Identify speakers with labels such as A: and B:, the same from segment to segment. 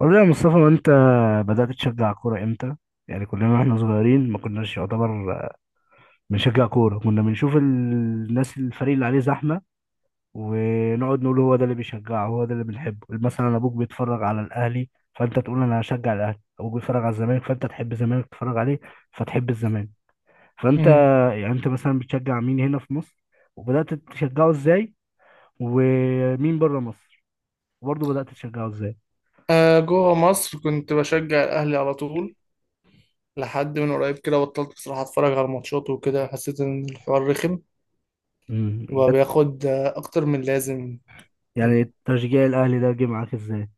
A: والله يا مصطفى، ما انت بدأت تشجع كورة امتى؟ يعني كلنا واحنا صغيرين ما كناش يعتبر بنشجع كورة، كنا بنشوف الناس الفريق اللي عليه زحمة ونقعد نقول هو ده اللي بيشجعه، هو ده اللي بنحبه. مثلا ابوك بيتفرج على الاهلي، فانت تقول انا هشجع الاهلي. ابوك بيتفرج على الزمالك، فانت تحب الزمالك تتفرج عليه فتحب الزمالك. فانت
B: امم
A: يعني انت مثلا بتشجع مين هنا في مصر وبدأت تشجعه ازاي؟ ومين بره مصر وبرضه بدأت تشجعه ازاي؟
B: جوه مصر كنت بشجع الاهلي على طول، لحد من قريب كده بطلت بصراحه اتفرج على الماتشات وكده حسيت ان الحوار رخم
A: امم.
B: وبقى بياخد اكتر من لازم.
A: يعني تشجيع الاهلي ده جه معاك ازاي؟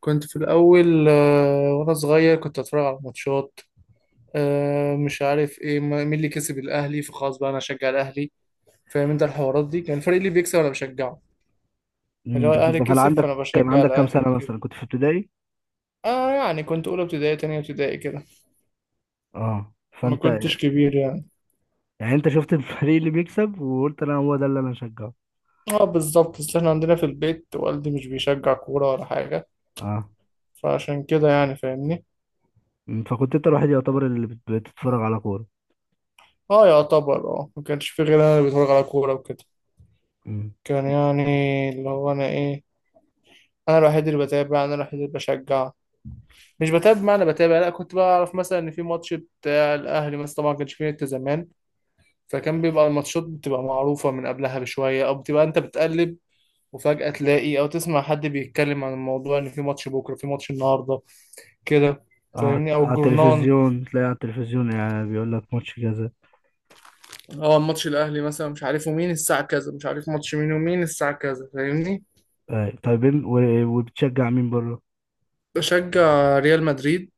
B: كنت في الاول وانا صغير كنت اتفرج على الماتشات. آه، مش عارف ايه مين اللي كسب الاهلي، فخلاص بقى انا اشجع الاهلي. فاهم انت الحوارات دي كان الفريق اللي بيكسب انا بشجعه. اللي هو
A: ده
B: الاهلي
A: ده كان
B: كسب
A: عندك
B: فانا
A: كان
B: بشجع
A: عندك كام
B: الاهلي
A: سنة؟
B: كده.
A: مثلا كنت في ابتدائي؟
B: اه، يعني كنت اولى ابتدائي تانية ابتدائي كده.
A: اه،
B: ما كنتش كبير يعني.
A: يعني انت شفت الفريق اللي بيكسب وقلت هو ده اللي انا هشجعه.
B: اه بالظبط، بس احنا عندنا في البيت والدي مش بيشجع كورة ولا حاجة،
A: اه،
B: فعشان كده يعني فاهمني.
A: فكنت انت الوحيد يعتبر اللي بتتفرج على كورة.
B: اه يعتبر، ما كانش في غير انا اللي بتفرج على كورة وكده.
A: أمم.
B: كان يعني اللي هو انا ايه، انا الوحيد اللي بتابع انا الوحيد اللي بشجع. مش بتابع معنى بتابع، لا كنت بعرف مثلا ان في ماتش بتاع الاهلي مثلا، طبعا ما كانش فيه نت زمان، فكان بيبقى الماتشات بتبقى معروفة من قبلها بشوية او بتبقى انت بتقلب وفجأة تلاقي او تسمع حد بيتكلم عن الموضوع ان في ماتش بكرة في ماتش النهاردة كده.
A: على
B: فاهمني، او
A: على
B: الجورنان.
A: التلفزيون، تلاقي على التلفزيون يعني بيقول لك ماتش كذا.
B: اه ماتش الاهلي مثلا مش عارفه مين الساعه كذا، مش عارف ماتش مين ومين الساعه كذا، فاهمني.
A: آه. طيب وبتشجع مين بره؟
B: بشجع ريال مدريد.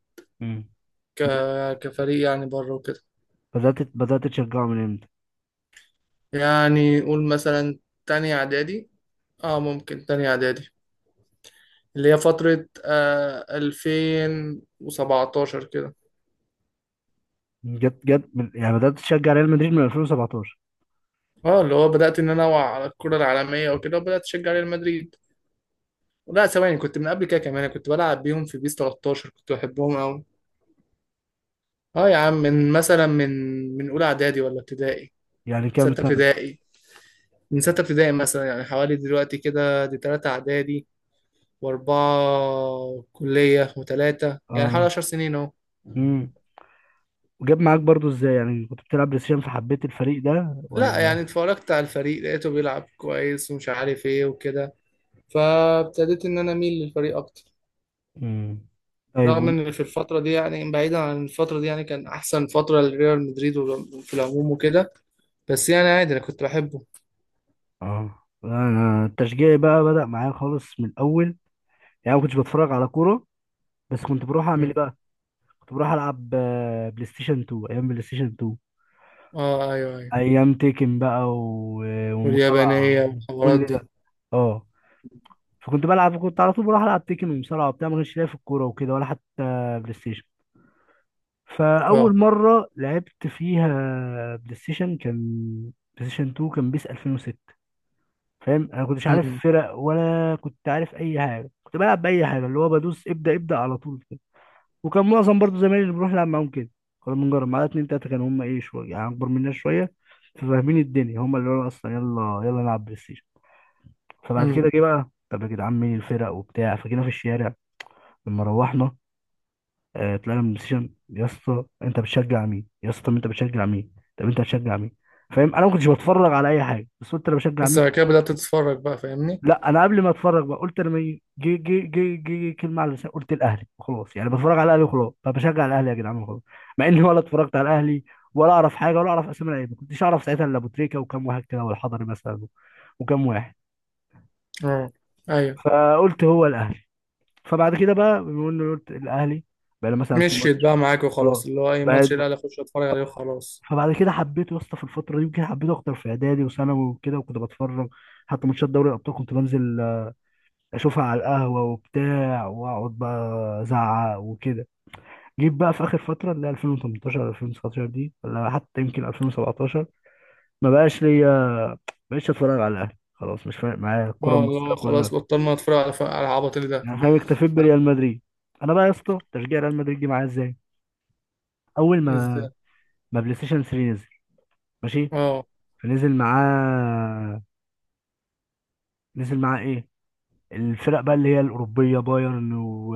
A: أمم.
B: ك... كفريق يعني بره وكده.
A: بدأت تشجعه من امتى؟
B: يعني قول مثلا تاني اعدادي، اه ممكن تاني اعدادي، اللي هي فتره 2017 كده.
A: جت من يعني بدأت تشجع ريال مدريد من 2017.
B: اه اللي هو بدات ان انا اوعى على الكره العالميه وكده وبدات اشجع ريال مدريد. لا ثواني، كنت من قبل كده كمان، أنا كنت بلعب بيهم في بيس 13 كنت بحبهم قوي. اه يا عم من مثلا من اولى اعدادي ولا ابتدائي.
A: يعني كام
B: ستة
A: سنة؟
B: ابتدائي. من ستة ابتدائي مثلا، يعني حوالي دلوقتي كده دي تلاتة إعدادي وأربعة كلية وتلاتة، يعني حوالي
A: اه.
B: 10 سنين أهو.
A: وجاب معاك برضو ازاي؟ يعني كنت بتلعب بلاي ستيشن فحبيت الفريق ده
B: لا
A: ولا؟
B: يعني اتفرجت على الفريق لقيته بيلعب كويس ومش عارف إيه وكده، فابتديت إن أنا أميل للفريق أكتر.
A: امم طيب،
B: رغم إن في الفترة دي، يعني بعيدا عن الفترة دي، يعني كان أحسن فترة لريال مدريد وال- في العموم وكده، بس يعني عادي أنا كنت بحبه.
A: اه، انا التشجيع بقى بدأ معايا خالص من الاول. يعني ما كنتش بتفرج على كوره. بس كنت بروح اعمل
B: مم.
A: ايه بقى؟ كنت بروح العب بلاي ستيشن 2، ايام بلاي ستيشن 2،
B: آه أيوه أيوه.
A: ايام تيكن بقى
B: واليابانية
A: ومصارعه.
B: والحوارات
A: كل
B: دي.
A: ده، اه. فكنت بلعب كنت على طول بروح العب تيكن ومصارعه وبتاع. ما كانش ليا في الكوره وكده، ولا حتى بلاي ستيشن. فاول
B: آه.
A: مره لعبت فيها بلاي ستيشن كان بلاي ستيشن 2، كان بيس 2006. فاهم، انا كنتش عارف
B: مم.
A: فرق ولا كنت عارف اي حاجه. كنت بلعب باي حاجه، اللي هو بدوس ابدا ابدا على طول كده. وكان معظم برضو زمايلي اللي بروح العب معاهم كده. كنا بنجرب معايا اتنين تلاته كانوا هم، ايه، شويه يعني اكبر مننا شويه، ففاهمين الدنيا. هم اللي هو اصلا يلا يلا نلعب بلاي ستيشن. فبعد
B: مم.
A: كده جه بقى، طب يا جدعان مين الفرق وبتاع. فجينا في الشارع لما روحنا، طلعنا من السيشن. يا اسطى انت بتشجع مين؟ يا اسطى، طب انت بتشجع مين؟ طب انت بتشجع مين؟ فاهم انا ما كنتش بتفرج على اي حاجه، بس قلت انا بشجع
B: بس
A: مين؟
B: بعد كده بدأت تتفرج بقى فاهمني.
A: لا، انا قبل ما اتفرج بقى، قلت لما جه كلمه على لساني، قلت الاهلي وخلاص. يعني بتفرج على الاهلي وخلاص، فبشجع الاهلي يا جدعان وخلاص. مع اني ولا اتفرجت على الاهلي ولا اعرف حاجه ولا اعرف اسامي لعيبه. ما كنتش اعرف ساعتها الا ابو تريكه وكام واحد كده، والحضري مثلا، وكام واحد.
B: اه ايوه،
A: فقلت هو الاهلي. فبعد كده بقى، بما اني قلت الاهلي، بقى لي مثلا في
B: مشيت
A: ماتش.
B: بقى معاك وخلاص،
A: اه
B: اللي هو اي
A: بقى.
B: ماتش الاهلي اخش اتفرج عليه وخلاص.
A: فبعد كده حبيته يا اسطى. في الفتره دي يمكن حبيته اكتر، في اعدادي وثانوي وكده. وكنت بتفرج حتى ماتشات دوري الابطال، كنت بنزل اشوفها على القهوه وبتاع، واقعد بقى ازعق وكده. جيت بقى في اخر فتره، اللي هي 2018، 2019 دي، ولا حتى يمكن 2017، ما بقاش ليا، ما بقتش اتفرج على الاهلي خلاص. مش فارق معايا الكره
B: اه اللي
A: المصريه
B: هو
A: كلها.
B: خلاص بطلنا نتفرج على على العبط اللي ده.
A: يعني فاهم، اكتفيت بريال مدريد. انا بقى يا اسطى تشجيع ريال مدريد جه معايا ازاي؟ اول ما
B: ازاي.
A: بلاي ستيشن 3 نزل، ماشي.
B: اه
A: فنزل معاه. نزل معاه ايه؟ الفرق بقى اللي هي الأوروبية، بايرن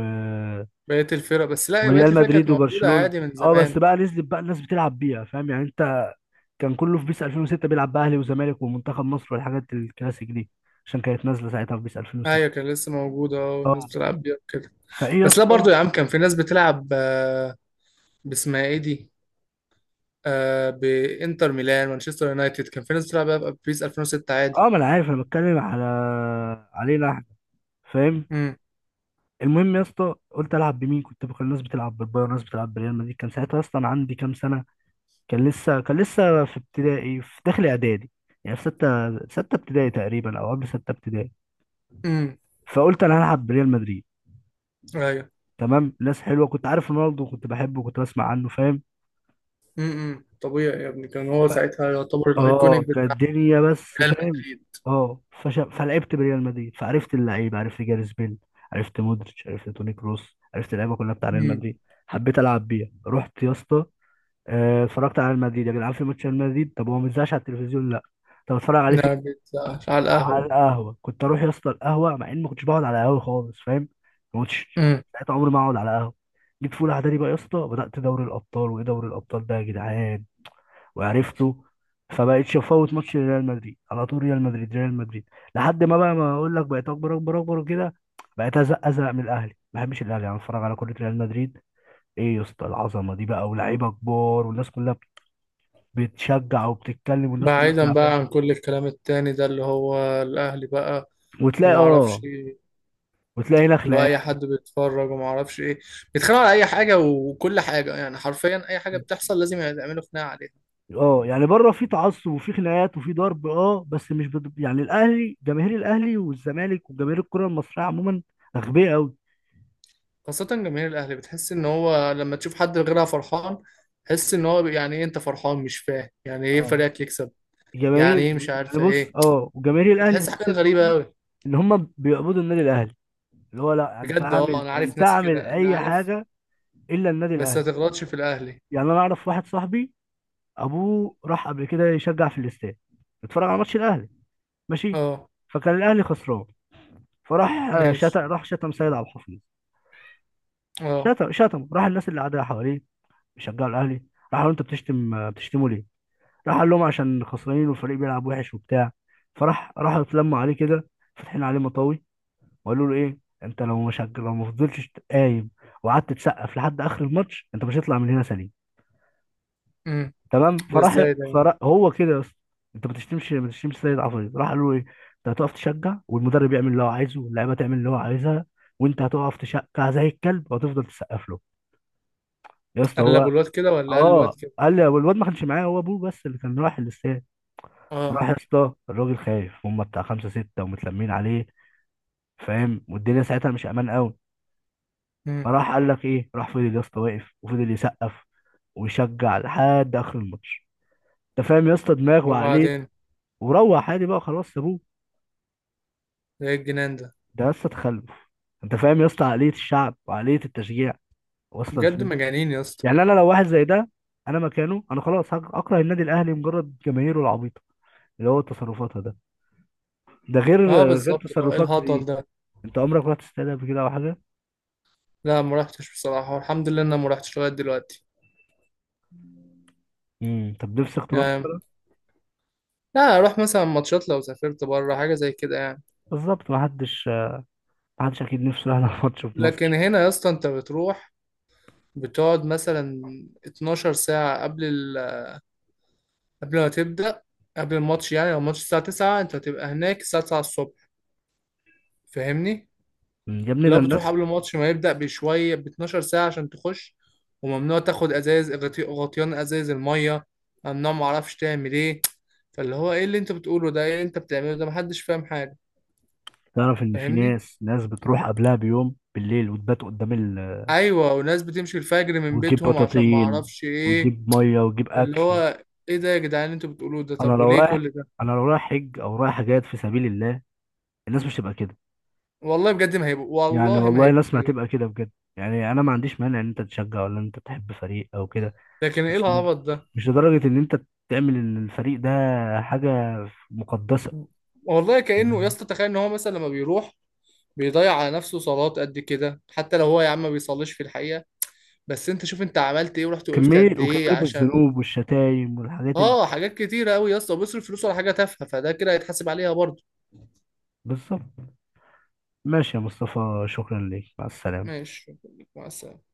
B: بقيت الفرق، بس لا بقيت
A: وريال
B: الفرق كانت
A: مدريد
B: موجوده
A: وبرشلونة.
B: عادي من
A: اه، بس
B: زمان.
A: بقى نزلت بقى الناس بتلعب بيها، فاهم يعني انت؟ كان كله في بيس 2006 بيلعب بقى اهلي وزمالك ومنتخب مصر والحاجات الكلاسيك دي، عشان كانت نازلة ساعتها في بيس 2006.
B: ايوه كان لسه موجوده، والناس
A: اه،
B: بتلعب بيها كده.
A: فايه يا
B: بس لا
A: اسطى؟
B: برضو يا عم كان في ناس بتلعب باسمها ايه دي، بانتر ميلان مانشستر يونايتد كان في ناس بتلعب بقى ببيس 2006 عادي.
A: اه، ما انا عارف انا بتكلم علينا احنا، فاهم.
B: امم
A: المهم يا اسطى قلت العب بمين؟ كنت بقى الناس بتلعب بالبايرن، الناس بتلعب بريال مدريد. كان ساعتها اصلا عندي كام سنة؟ كان لسه في ابتدائي، في داخل اعدادي. يعني في ستة ابتدائي تقريبا، او قبل ستة ابتدائي.
B: امم
A: فقلت انا هلعب بريال مدريد.
B: ايوه
A: تمام، ناس حلوه، كنت عارف رونالدو كنت بحبه كنت بسمع عنه، فاهم.
B: امم. طبيعي يا ابني كان هو
A: ف...
B: ساعتها يعتبر
A: اه
B: الايكونيك
A: كانت
B: بتاع
A: الدنيا، بس
B: ريال
A: فاهم،
B: مدريد.
A: اه، فلعبت بريال مدريد. فعرفت اللعيبه، عرفت جاريث بيل، عرفت مودريتش، عرفت توني كروس، عرفت اللعيبه كلها بتاع ريال مدريد. حبيت العب بيها. رحت يا اسطى اتفرجت على ريال مدريد يا جدعان. في ماتش ريال مدريد، طب هو ما بيتذاعش على التلفزيون؟ لا. طب اتفرج عليه فين؟
B: لا بيتزقش على
A: على
B: القهوة.
A: القهوه. كنت اروح يا اسطى القهوه، مع اني ما كنتش بقعد على قهوه خالص، فاهم. ما كنتش
B: امم.
A: ساعتها عمري ما اقعد على قهوه. جيت في اولى اعدادي بقى يا اسطى، بدات دوري الابطال. وايه دوري الابطال ده يا جدعان؟ وعرفته. فبقيتش افوت ماتش ريال مدريد على طول. ريال مدريد، ريال مدريد. لحد ما بقى، ما اقول لك، بقيت اكبر اكبر اكبر وكده. بقيت ازق ازق من الاهلي، ما بحبش الاهلي. انا اتفرج على كره ريال مدريد. ايه يا اسطى العظمه دي بقى، ولاعيبه كبار، والناس كلها بتشجع وبتتكلم، والناس كلها
B: بعيدا بقى
A: بتلعب
B: عن كل الكلام التاني ده اللي هو الأهلي بقى
A: وتلاقي
B: وما اعرفش
A: اه
B: ايه.
A: وتلاقي هنا
B: اللي هو اي
A: خناقات.
B: حد بيتفرج وما اعرفش ايه. بيتخانقوا على اي حاجة وكل حاجة، يعني حرفيا اي حاجة بتحصل لازم يعملوا خناقة عليها.
A: اه، يعني بره في تعصب وفي خناقات وفي ضرب، اه. بس مش يعني الاهلي، جماهير الاهلي والزمالك وجماهير الكره المصريه عموما اغبياء قوي.
B: خاصة جماهير الأهلي بتحس ان هو لما تشوف حد غيرها فرحان، تحس ان هو يعني ايه انت فرحان، مش فاهم يعني ايه
A: اه.
B: فريقك يكسب. يعني
A: جماهير
B: ايه مش
A: يعني
B: عارفة ايه.
A: بص، اه، وجماهير الاهلي
B: بتحس حاجات
A: تحس ان
B: غريبة
A: هم
B: قوي.
A: ان هم بيقبضوا النادي الاهلي، اللي هو لا، انت
B: بجد اه،
A: اعمل
B: انا عارف
A: انت
B: ناس
A: اعمل
B: كده انا
A: اي
B: عارف.
A: حاجه الا النادي
B: بس ما
A: الاهلي.
B: تغلطش في الأهلي.
A: يعني انا اعرف واحد صاحبي، ابوه راح قبل كده يشجع في الاستاد، اتفرج على ماتش الاهلي، ماشي.
B: اه.
A: فكان الاهلي خسران، فراح شتم،
B: ماشي.
A: راح شتم سيد عبد الحفيظ.
B: اه.
A: شتم راح الناس اللي قاعده حواليه بيشجعوا الاهلي. راح قال له، انت بتشتمه ليه؟ راح قال لهم عشان خسرانين والفريق بيلعب وحش وبتاع. راحوا اتلموا عليه كده، فاتحين عليه مطاوي، وقالوا له ايه. انت لو مش هج- لو ما فضلتش قايم وقعدت تسقف لحد اخر الماتش، انت مش هتطلع من هنا سليم.
B: امم.
A: تمام.
B: ده
A: فراح
B: ازاي ده يعني؟
A: فراح هو كده يا اسطى، انت ما بتشتمش سيد عفريت. راح قال له ايه، انت هتقف تشجع والمدرب يعمل اللي هو عايزه واللعيبه تعمل اللي هو عايزها، وانت هتقف تشجع زي الكلب وهتفضل تسقف له يا اسطى.
B: قلبوا الواد كده ولا قال الواد
A: اه
B: كده.
A: قال لي، والواد ما كانش معايا، هو ابوه بس اللي كان رايح الاستاد.
B: اه.
A: راح يا اسطى الراجل خايف، هم بتاع خمسه سته ومتلمين عليه، فاهم، والدنيا ساعتها مش امان قوي.
B: امم.
A: فراح قال لك ايه، راح فضل يا اسطى واقف وفضل يسقف ويشجع لحد اخر الماتش. انت فاهم يا اسطى دماغ وعقليه؟
B: وبعدين.
A: وروح عادي بقى خلاص، سابوه.
B: ده ايه الجنان ده.
A: ده يا اسطى تخلف. انت فاهم يا اسطى عقليه الشعب وعقليه التشجيع واصله
B: بجد
A: لفين؟
B: مجانين يا اسطى.
A: يعني انا لو واحد زي ده، انا مكانه خلاص اكره النادي الاهلي، مجرد جماهيره العبيطه اللي هو تصرفاتها ده. ده غير
B: اه بالظبط، اللي هو ايه
A: تصرفات
B: الهطل
A: كتير.
B: ده.
A: انت عمرك رحت استاد قبل كده او حاجه؟
B: لا ما رحتش بصراحه، والحمد لله ان انا ما رحتش لغايه دلوقتي.
A: طب نفسك تروح؟
B: يعني لا اروح مثلا ماتشات لو سافرت بره حاجه زي كده يعني.
A: بالظبط، محدش اكيد نفسه يروح على ماتش في
B: لكن
A: مصر.
B: هنا يا اسطى انت بتروح بتقعد مثلا 12 ساعه قبل ما تبدا قبل الماتش، يعني لو الماتش الساعه 9 انت هتبقى هناك الساعه 9 الصبح فاهمني.
A: مم. يا ابني ده
B: لو بتروح
A: الناس.
B: قبل الماتش ما يبدأ بشوية ب 12 ساعة عشان تخش، وممنوع تاخد ازايز غطيان ازايز المية، ممنوع معرفش تعمل ايه. فاللي هو ايه اللي انت بتقوله ده، ايه اللي انت بتعمله ده، محدش فاهم حاجة.
A: تعرف ان في
B: فاهمني.
A: ناس بتروح قبلها بيوم بالليل، وتبات قدام
B: ايوه وناس بتمشي الفجر من
A: وتجيب
B: بيتهم عشان
A: بطاطين
B: معرفش ايه.
A: وتجيب ميه وتجيب
B: اللي
A: اكل.
B: هو ايه ده يا جدعان اللي انتوا بتقولوه ده،
A: انا
B: طب
A: لو
B: وليه
A: رايح
B: كل ده.
A: انا لو رايح حج او رايح حاجات في سبيل الله، الناس مش هتبقى كده.
B: والله بجد ما هيبقوا،
A: يعني
B: والله ما
A: والله
B: هيبقوا
A: الناس ما
B: كده.
A: هتبقى كده بجد. يعني انا ما عنديش مانع ان انت تشجع ولا ان انت تحب فريق او كده،
B: لكن ايه
A: بس
B: العبط ده.
A: مش لدرجة إن أنت تعمل الفريق ده حاجة مقدسة.
B: والله كأنه يا
A: مم.
B: اسطى تخيل ان هو مثلا لما بيروح بيضيع على نفسه صلوات قد كده، حتى لو هو يا عم ما بيصليش في الحقيقة. بس انت شوف انت عملت ايه، ورحت وقفت قد
A: كمية
B: ايه
A: وكمية
B: عشان.
A: الذنوب والشتايم والحاجات
B: اه حاجات كتيرة قوي يا اسطى، بيصرف فلوسه على حاجة تافهة، فده كده هيتحاسب عليها برضه.
A: بالظبط. ماشي يا مصطفى، شكرا ليك، مع السلامة.
B: ماشي. مع السلامة.